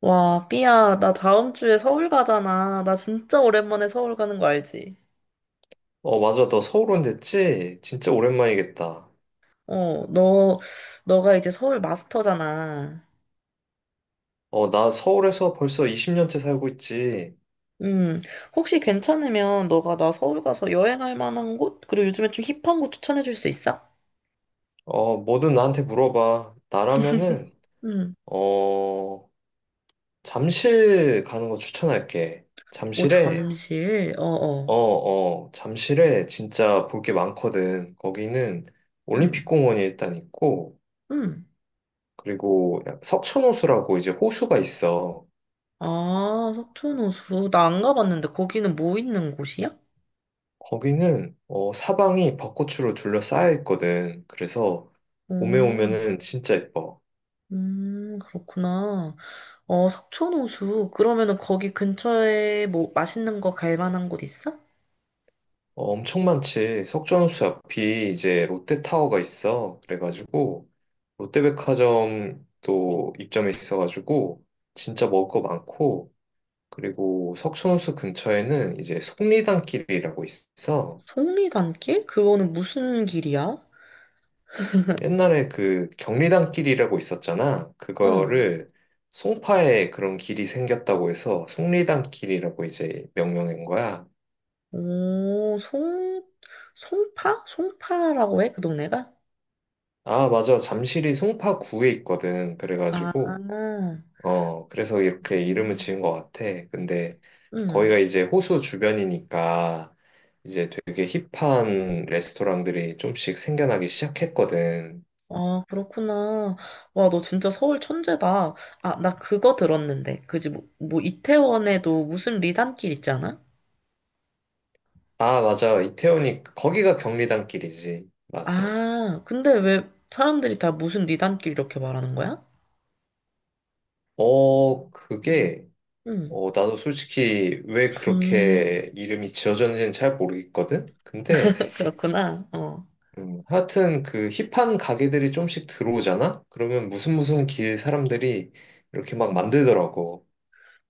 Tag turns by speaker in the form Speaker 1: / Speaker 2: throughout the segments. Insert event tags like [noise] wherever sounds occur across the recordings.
Speaker 1: 와, 삐야, 나 다음 주에 서울 가잖아. 나 진짜 오랜만에 서울 가는 거 알지?
Speaker 2: 맞아. 너 서울 온 됐지? 진짜 오랜만이겠다.
Speaker 1: 어, 너가 이제 서울 마스터잖아.
Speaker 2: 나 서울에서 벌써 20년째 살고 있지.
Speaker 1: 음, 혹시 괜찮으면 너가 나 서울 가서 여행할 만한 곳? 그리고 요즘에 좀 힙한 곳 추천해 줄 수 있어?
Speaker 2: 뭐든 나한테 물어봐.
Speaker 1: 음.
Speaker 2: 어, 잠실 가는 거 추천할게.
Speaker 1: 오, 잠실. 어어.
Speaker 2: 잠실에 진짜 볼게 많거든. 거기는
Speaker 1: 음.
Speaker 2: 올림픽공원이 일단 있고,
Speaker 1: 음.
Speaker 2: 그리고 석촌호수라고 이제 호수가 있어.
Speaker 1: 아, 석촌호수. 나 안 가봤는데 거기는 뭐 있는 곳이야?
Speaker 2: 거기는 사방이 벚꽃으로 둘러싸여 있거든. 그래서 봄에
Speaker 1: 오,
Speaker 2: 오면은 진짜 예뻐.
Speaker 1: 그렇구나. 어, 석촌호수. 그러면은 거기 근처에 뭐 맛있는 거 갈 만한 곳 있어?
Speaker 2: 엄청 많지. 석촌호수 앞이 이제 롯데타워가 있어. 그래가지고 롯데백화점도 입점해 있어가지고 진짜 먹을 거 많고 그리고 석촌호수 근처에는 이제 속리단길이라고 있어.
Speaker 1: 송리단길? 그거는 무슨 길이야?
Speaker 2: 옛날에 그 경리단 길이라고 있었잖아.
Speaker 1: 어.
Speaker 2: 그거를 송파에 그런 길이 생겼다고 해서 송리단 길이라고 이제 명명한 거야.
Speaker 1: 오, 송파? 송파라고 해? 그 동네가?
Speaker 2: 아, 맞아. 잠실이 송파구에 있거든.
Speaker 1: 아,
Speaker 2: 그래가지고, 그래서 이렇게 이름을
Speaker 1: 음.
Speaker 2: 지은 것 같아. 근데 거기가
Speaker 1: 음.
Speaker 2: 이제 호수 주변이니까 이제 되게 힙한 레스토랑들이 좀씩 생겨나기 시작했거든.
Speaker 1: 아, 그렇구나. 와, 너 진짜 서울 천재다. 아, 나 그거 들었는데. 그지, 뭐, 이태원에도 무슨 리단길 있잖아?
Speaker 2: 아, 맞아. 이태원이, 거기가 경리단 길이지. 맞아.
Speaker 1: 아, 근데 왜 사람들이 다 무슨 리단길 이렇게 말하는 거야?
Speaker 2: 어, 그게
Speaker 1: 응.
Speaker 2: 나도 솔직히 왜
Speaker 1: 음,
Speaker 2: 그렇게 이름이 지어졌는지는 잘 모르겠거든?
Speaker 1: 그렇구나. 어.
Speaker 2: 하여튼 그 힙한 가게들이 좀씩 들어오잖아? 그러면 무슨 무슨 길 사람들이 이렇게 막
Speaker 1: 음.
Speaker 2: 만들더라고.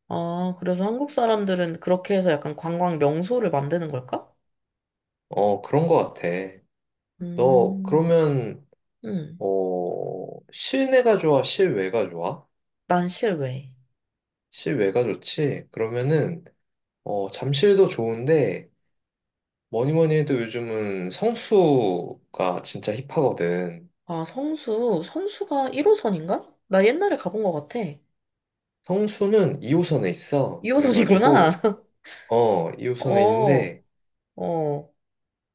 Speaker 1: 아, 그래서 한국 사람들은 그렇게 해서 약간 관광 명소를 만드는 걸까?
Speaker 2: 그런 것 같아. 너,
Speaker 1: 음.
Speaker 2: 그러면,
Speaker 1: 음.
Speaker 2: 어, 실내가 좋아? 실외가 좋아?
Speaker 1: 난실외
Speaker 2: 실외가 좋지? 잠실도 좋은데, 뭐니 뭐니 해도 요즘은 성수가 진짜 힙하거든.
Speaker 1: 아, 성수. 성수가 1호선인가? 나 옛날에 가본 것 같아.
Speaker 2: 성수는 2호선에 있어.
Speaker 1: 2호선이구나. [laughs] 어,
Speaker 2: 2호선에
Speaker 1: 어,
Speaker 2: 있는데,
Speaker 1: 어,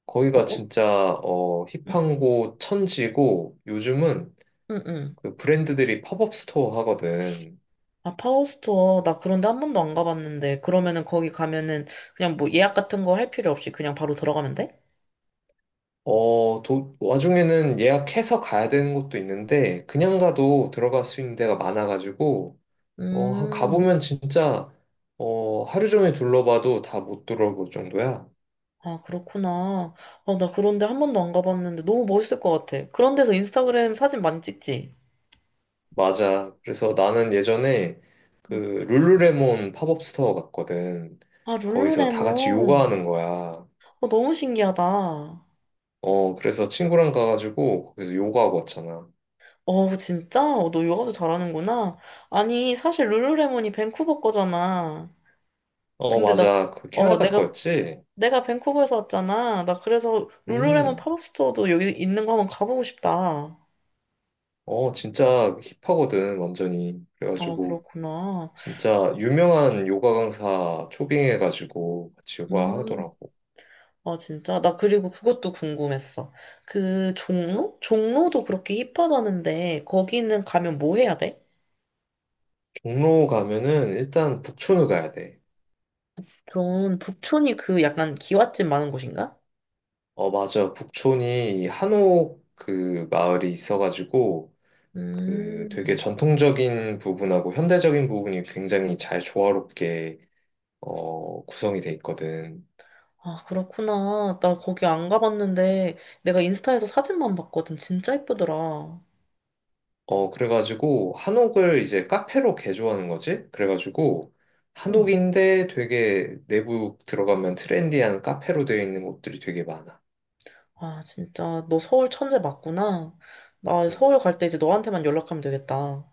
Speaker 2: 거기가
Speaker 1: 어,
Speaker 2: 진짜, 힙한
Speaker 1: 음,
Speaker 2: 곳 천지고, 요즘은
Speaker 1: 음, 음.
Speaker 2: 그 브랜드들이 팝업 스토어 하거든.
Speaker 1: 아, 파워스토어. 나 그런데 한 번도 안 가봤는데. 그러면은 거기 가면은 그냥 뭐 예약 같은 거 할 필요 없이 그냥 바로 들어가면 돼?
Speaker 2: 와중에는 예약해서 가야 되는 곳도 있는데, 그냥 가도 들어갈 수 있는 데가 많아가지고,
Speaker 1: 음.
Speaker 2: 가보면 하루 종일 둘러봐도 다 못 들어볼 정도야.
Speaker 1: 아, 그렇구나. 아, 나 그런데 한 번도 안 가봤는데 너무 멋있을 것 같아. 그런 데서 인스타그램 사진 많이 찍지?
Speaker 2: 맞아. 그래서 나는 예전에 그
Speaker 1: 음.
Speaker 2: 룰루레몬 팝업 스토어 갔거든.
Speaker 1: 아,
Speaker 2: 거기서 다 같이
Speaker 1: 룰루레몬.
Speaker 2: 요가하는 거야.
Speaker 1: 어, 너무 신기하다.
Speaker 2: 그래서 친구랑 가가지고 거기서 요가하고 왔잖아.
Speaker 1: 어, 진짜? 어, 너 요가도 잘하는구나. 아니, 사실 룰루레몬이 밴쿠버 거잖아.
Speaker 2: 어,
Speaker 1: 근데 나,
Speaker 2: 맞아. 그
Speaker 1: 어,
Speaker 2: 캐나다
Speaker 1: 내가,
Speaker 2: 거였지?
Speaker 1: 내가 밴쿠버에서 왔잖아. 나 그래서 룰루레몬
Speaker 2: 음.
Speaker 1: 팝업 스토어도 여기 있는 거 한번 가보고 싶다.
Speaker 2: 진짜 힙하거든, 완전히.
Speaker 1: 아,
Speaker 2: 그래가지고
Speaker 1: 그렇구나.
Speaker 2: 진짜 유명한 요가 강사 초빙해가지고 같이 요가
Speaker 1: 음.
Speaker 2: 하더라고.
Speaker 1: 아, 진짜? 나 그리고 그것도 궁금했어. 그 종로? 종로도 그렇게 힙하다는데 거기는 가면 뭐 해야 돼?
Speaker 2: 종로 가면은 일단 북촌을 가야 돼.
Speaker 1: 전 북촌이 그 약간 기와집 많은 곳인가?
Speaker 2: 어, 맞아. 북촌이 한옥 그 마을이 있어가지고 그 되게
Speaker 1: 음.
Speaker 2: 전통적인 부분하고 현대적인 부분이 굉장히 잘 조화롭게 구성이 돼 있거든.
Speaker 1: 아, 그렇구나. 나 거기 안 가봤는데 내가 인스타에서 사진만 봤거든. 진짜 예쁘더라.
Speaker 2: 그래가지고 한옥을 이제 카페로 개조하는 거지? 그래가지고
Speaker 1: 응.
Speaker 2: 한옥인데 되게 내부 들어가면 트렌디한 카페로 되어 있는 곳들이 되게 많아.
Speaker 1: 아, 진짜 너 서울 천재 맞구나. 나
Speaker 2: 음.
Speaker 1: 서울 갈 때 이제 너한테만 연락하면 되겠다.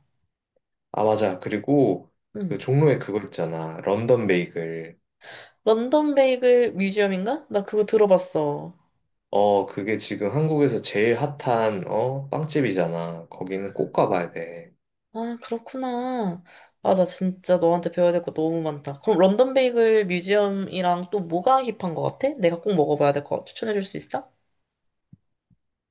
Speaker 2: 아, 맞아. 그리고 그
Speaker 1: 응.
Speaker 2: 종로에 그거 있잖아. 런던 베이글.
Speaker 1: 런던 베이글 뮤지엄인가? 나 그거 들어봤어.
Speaker 2: 그게 지금 한국에서 제일 핫한 빵집이잖아. 거기는 꼭 가봐야 돼.
Speaker 1: 아, 그렇구나. 아, 나 진짜 너한테 배워야 될 거 너무 많다. 그럼 런던 베이글 뮤지엄이랑 또 뭐가 힙한 거 같아? 내가 꼭 먹어봐야 될 거 추천해 줄 수 있어?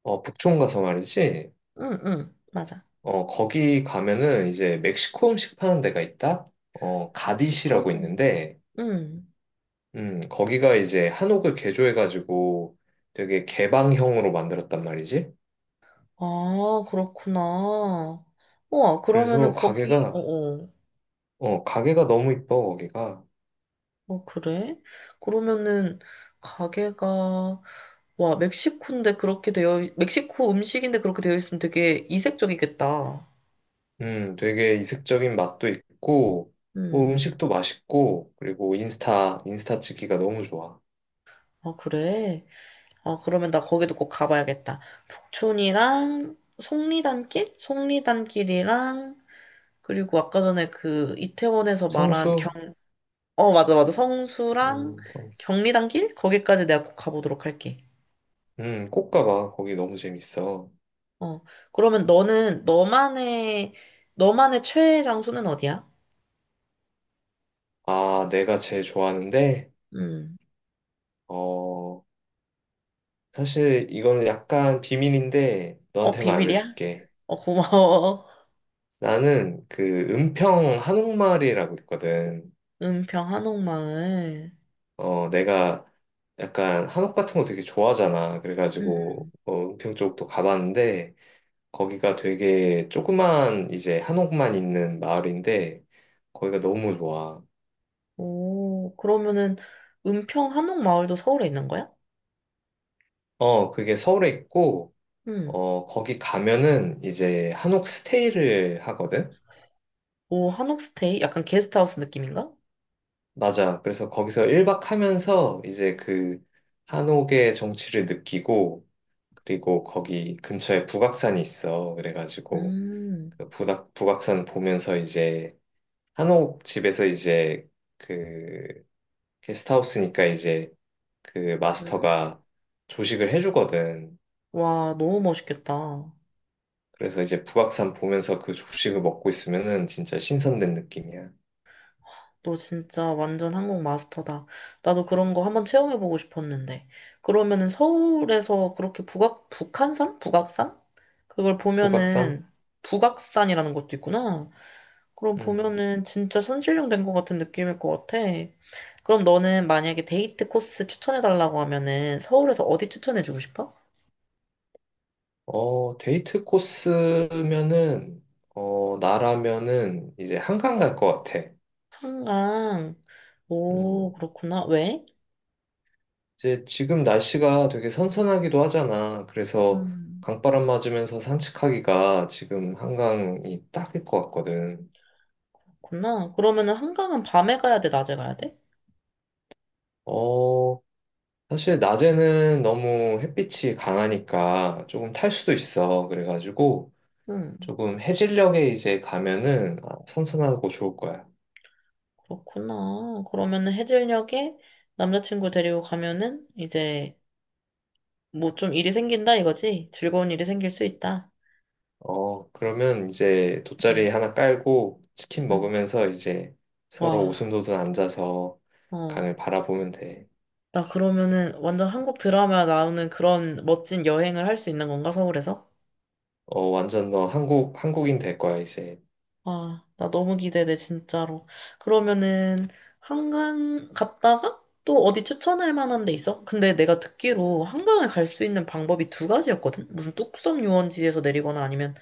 Speaker 2: 북촌 가서 말이지.
Speaker 1: 응, 응, 맞아.
Speaker 2: 거기 가면은 이제 멕시코 음식 파는 데가 있다? 가디시라고
Speaker 1: 멕시코.
Speaker 2: 있는데,
Speaker 1: 응.
Speaker 2: 거기가 이제 한옥을 개조해가지고 되게 개방형으로 만들었단 말이지.
Speaker 1: 아, 그렇구나. 우와, 그러면은
Speaker 2: 그래서
Speaker 1: 거기, 어,
Speaker 2: 가게가,
Speaker 1: 어.
Speaker 2: 가게가 너무 이뻐, 거기가.
Speaker 1: 어, 그래? 그러면은 가게가, 와, 멕시코 음식인데 그렇게 되어 있으면 되게 이색적이겠다.
Speaker 2: 되게 이색적인 맛도 있고, 뭐
Speaker 1: 응.
Speaker 2: 음식도 맛있고, 그리고 인스타, 인스타 찍기가 너무 좋아.
Speaker 1: 아, 그래? 어, 그러면 나 거기도 꼭 가봐야겠다. 북촌이랑 속리단길? 속리단길이랑 그리고 아까 전에 그 이태원에서 말한
Speaker 2: 성수?
Speaker 1: 어, 맞아, 맞아. 성수랑
Speaker 2: 성수.
Speaker 1: 경리단길? 거기까지 내가 꼭 가보도록 할게.
Speaker 2: 꼭 가봐. 거기 너무 재밌어.
Speaker 1: 어, 그러면 너만의 최애 장소는 어디야?
Speaker 2: 아, 내가 제일 좋아하는데,
Speaker 1: 음,
Speaker 2: 어, 사실 이거는 약간 비밀인데
Speaker 1: 어,
Speaker 2: 너한테만
Speaker 1: 비밀이야?
Speaker 2: 알려줄게.
Speaker 1: 어, 고마워. [laughs]
Speaker 2: 나는 그 은평 한옥마을이라고 있거든.
Speaker 1: 은평 한옥마을.
Speaker 2: 내가 약간 한옥 같은 거 되게 좋아하잖아.
Speaker 1: 음,
Speaker 2: 그래가지고
Speaker 1: 음.
Speaker 2: 어, 은평 쪽도 가봤는데 거기가 되게 조그만 이제 한옥만 있는 마을인데 거기가 너무 좋아.
Speaker 1: 오, 그러면은 은평 한옥마을도 서울에 있는 거야?
Speaker 2: 그게 서울에 있고
Speaker 1: 음.
Speaker 2: 거기 가면은 이제 한옥 스테이를 하거든.
Speaker 1: 오, 한옥 스테이? 약간 게스트하우스 느낌인가?
Speaker 2: 맞아. 그래서 거기서 1박 하면서 이제 그 한옥의 정취를 느끼고 그리고 거기 근처에 북악산이 있어. 그래가지고
Speaker 1: 음.
Speaker 2: 그 북악산 보면서 이제 한옥 집에서 이제 그 게스트하우스니까 이제 그
Speaker 1: 음.
Speaker 2: 마스터가 조식을 해주거든.
Speaker 1: 와, 너무 멋있겠다.
Speaker 2: 그래서 이제 북악산 보면서 그 조식을 먹고 있으면은 진짜 신선된 느낌이야.
Speaker 1: 너 진짜 완전 한국 마스터다. 나도 그런 거 한번 체험해보고 싶었는데. 그러면은 서울에서 그렇게 북한산? 북악산? 그걸
Speaker 2: 북악산?
Speaker 1: 보면은 북악산이라는 것도 있구나. 그럼
Speaker 2: 음.
Speaker 1: 보면은 진짜 선실령 된 것 같은 느낌일 것 같아. 그럼 너는 만약에 데이트 코스 추천해달라고 하면은 서울에서 어디 추천해주고 싶어?
Speaker 2: 데이트 코스면은, 나라면은 이제 한강 갈 것 같아.
Speaker 1: 한강.
Speaker 2: 음,
Speaker 1: 오, 그렇구나. 왜?
Speaker 2: 이제 지금 날씨가 되게 선선하기도 하잖아. 그래서
Speaker 1: 음,
Speaker 2: 강바람 맞으면서 산책하기가 지금 한강이 딱일 것 같거든.
Speaker 1: 그렇구나. 그러면은 한강은 밤에 가야 돼, 낮에 가야 돼?
Speaker 2: 어, 사실 낮에는 너무 햇빛이 강하니까 조금 탈 수도 있어. 그래가지고
Speaker 1: 음,
Speaker 2: 조금 해질녘에 이제 가면은 아, 선선하고 좋을 거야.
Speaker 1: 그렇구나. 그러면은 해질녘에 남자친구 데리고 가면은 이제 뭐 좀 일이 생긴다 이거지? 즐거운 일이 생길 수 있다.
Speaker 2: 그러면 이제
Speaker 1: 음,
Speaker 2: 돗자리 하나 깔고 치킨
Speaker 1: 음.
Speaker 2: 먹으면서 이제 서로
Speaker 1: 와,
Speaker 2: 오순도순 앉아서
Speaker 1: 어.
Speaker 2: 강을 바라보면 돼.
Speaker 1: 나 그러면은 완전 한국 드라마 나오는 그런 멋진 여행을 할 수 있는 건가, 서울에서?
Speaker 2: 어, 완전 너 한국인 될 거야, 이제.
Speaker 1: 와, 나 너무 기대돼, 진짜로. 그러면은, 한강 갔다가 또 어디 추천할 만한 데 있어? 근데 내가 듣기로 한강을 갈 수 있는 방법이 두 가지였거든? 무슨 뚝섬 유원지에서 내리거나 아니면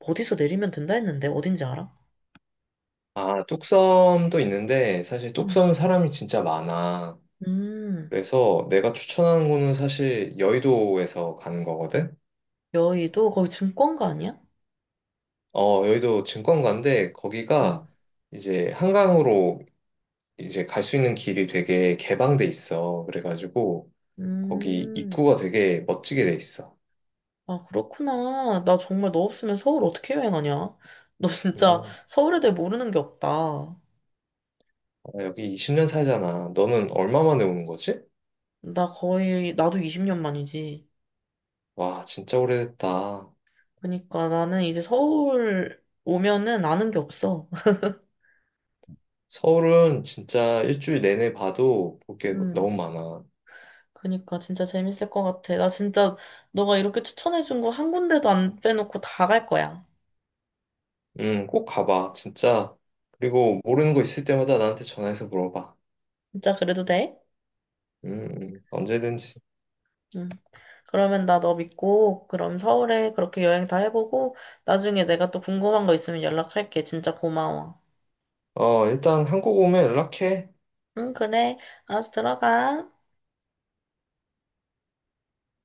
Speaker 1: 어디서 내리면 된다 했는데, 어딘지 알아?
Speaker 2: 아, 뚝섬도 있는데 사실
Speaker 1: 응,
Speaker 2: 뚝섬은 사람이 진짜 많아.
Speaker 1: 음,
Speaker 2: 그래서 내가 추천하는 거는 사실 여의도에서 가는 거거든?
Speaker 1: 여의도? 거기 증권가 아니야?
Speaker 2: 어, 여의도 증권가인데
Speaker 1: 응.
Speaker 2: 거기가 이제 한강으로 이제 갈 수 있는 길이 되게 개방돼 있어. 그래가지고 거기
Speaker 1: 음,
Speaker 2: 입구가 되게 멋지게 돼 있어.
Speaker 1: 아, 그렇구나. 나 정말 너 없으면 서울 어떻게 여행하냐? 너 진짜
Speaker 2: 음,
Speaker 1: 서울에 대해 모르는 게 없다.
Speaker 2: 아, 여기 20년 살잖아. 너는 얼마 만에 오는 거지?
Speaker 1: 나도 20년 만이지.
Speaker 2: 와, 진짜 오래됐다.
Speaker 1: 그니까 나는 이제 서울 오면은 아는 게 없어. [laughs]
Speaker 2: 서울은 진짜 일주일 내내 봐도 볼게
Speaker 1: 음.
Speaker 2: 너무 많아.
Speaker 1: 그니까 진짜 재밌을 것 같아. 나 진짜 너가 이렇게 추천해준 거 한 군데도 안 빼놓고 다 갈 거야.
Speaker 2: 꼭 가봐, 진짜. 그리고 모르는 거 있을 때마다 나한테 전화해서 물어봐.
Speaker 1: 진짜 그래도 돼?
Speaker 2: 언제든지.
Speaker 1: 응. 그러면 나 너 믿고 그럼 서울에 그렇게 여행 다 해보고 나중에 내가 또 궁금한 거 있으면 연락할게. 진짜 고마워.
Speaker 2: 일단 한국 오면 연락해.
Speaker 1: 응, 그래. 알았어, 들어가.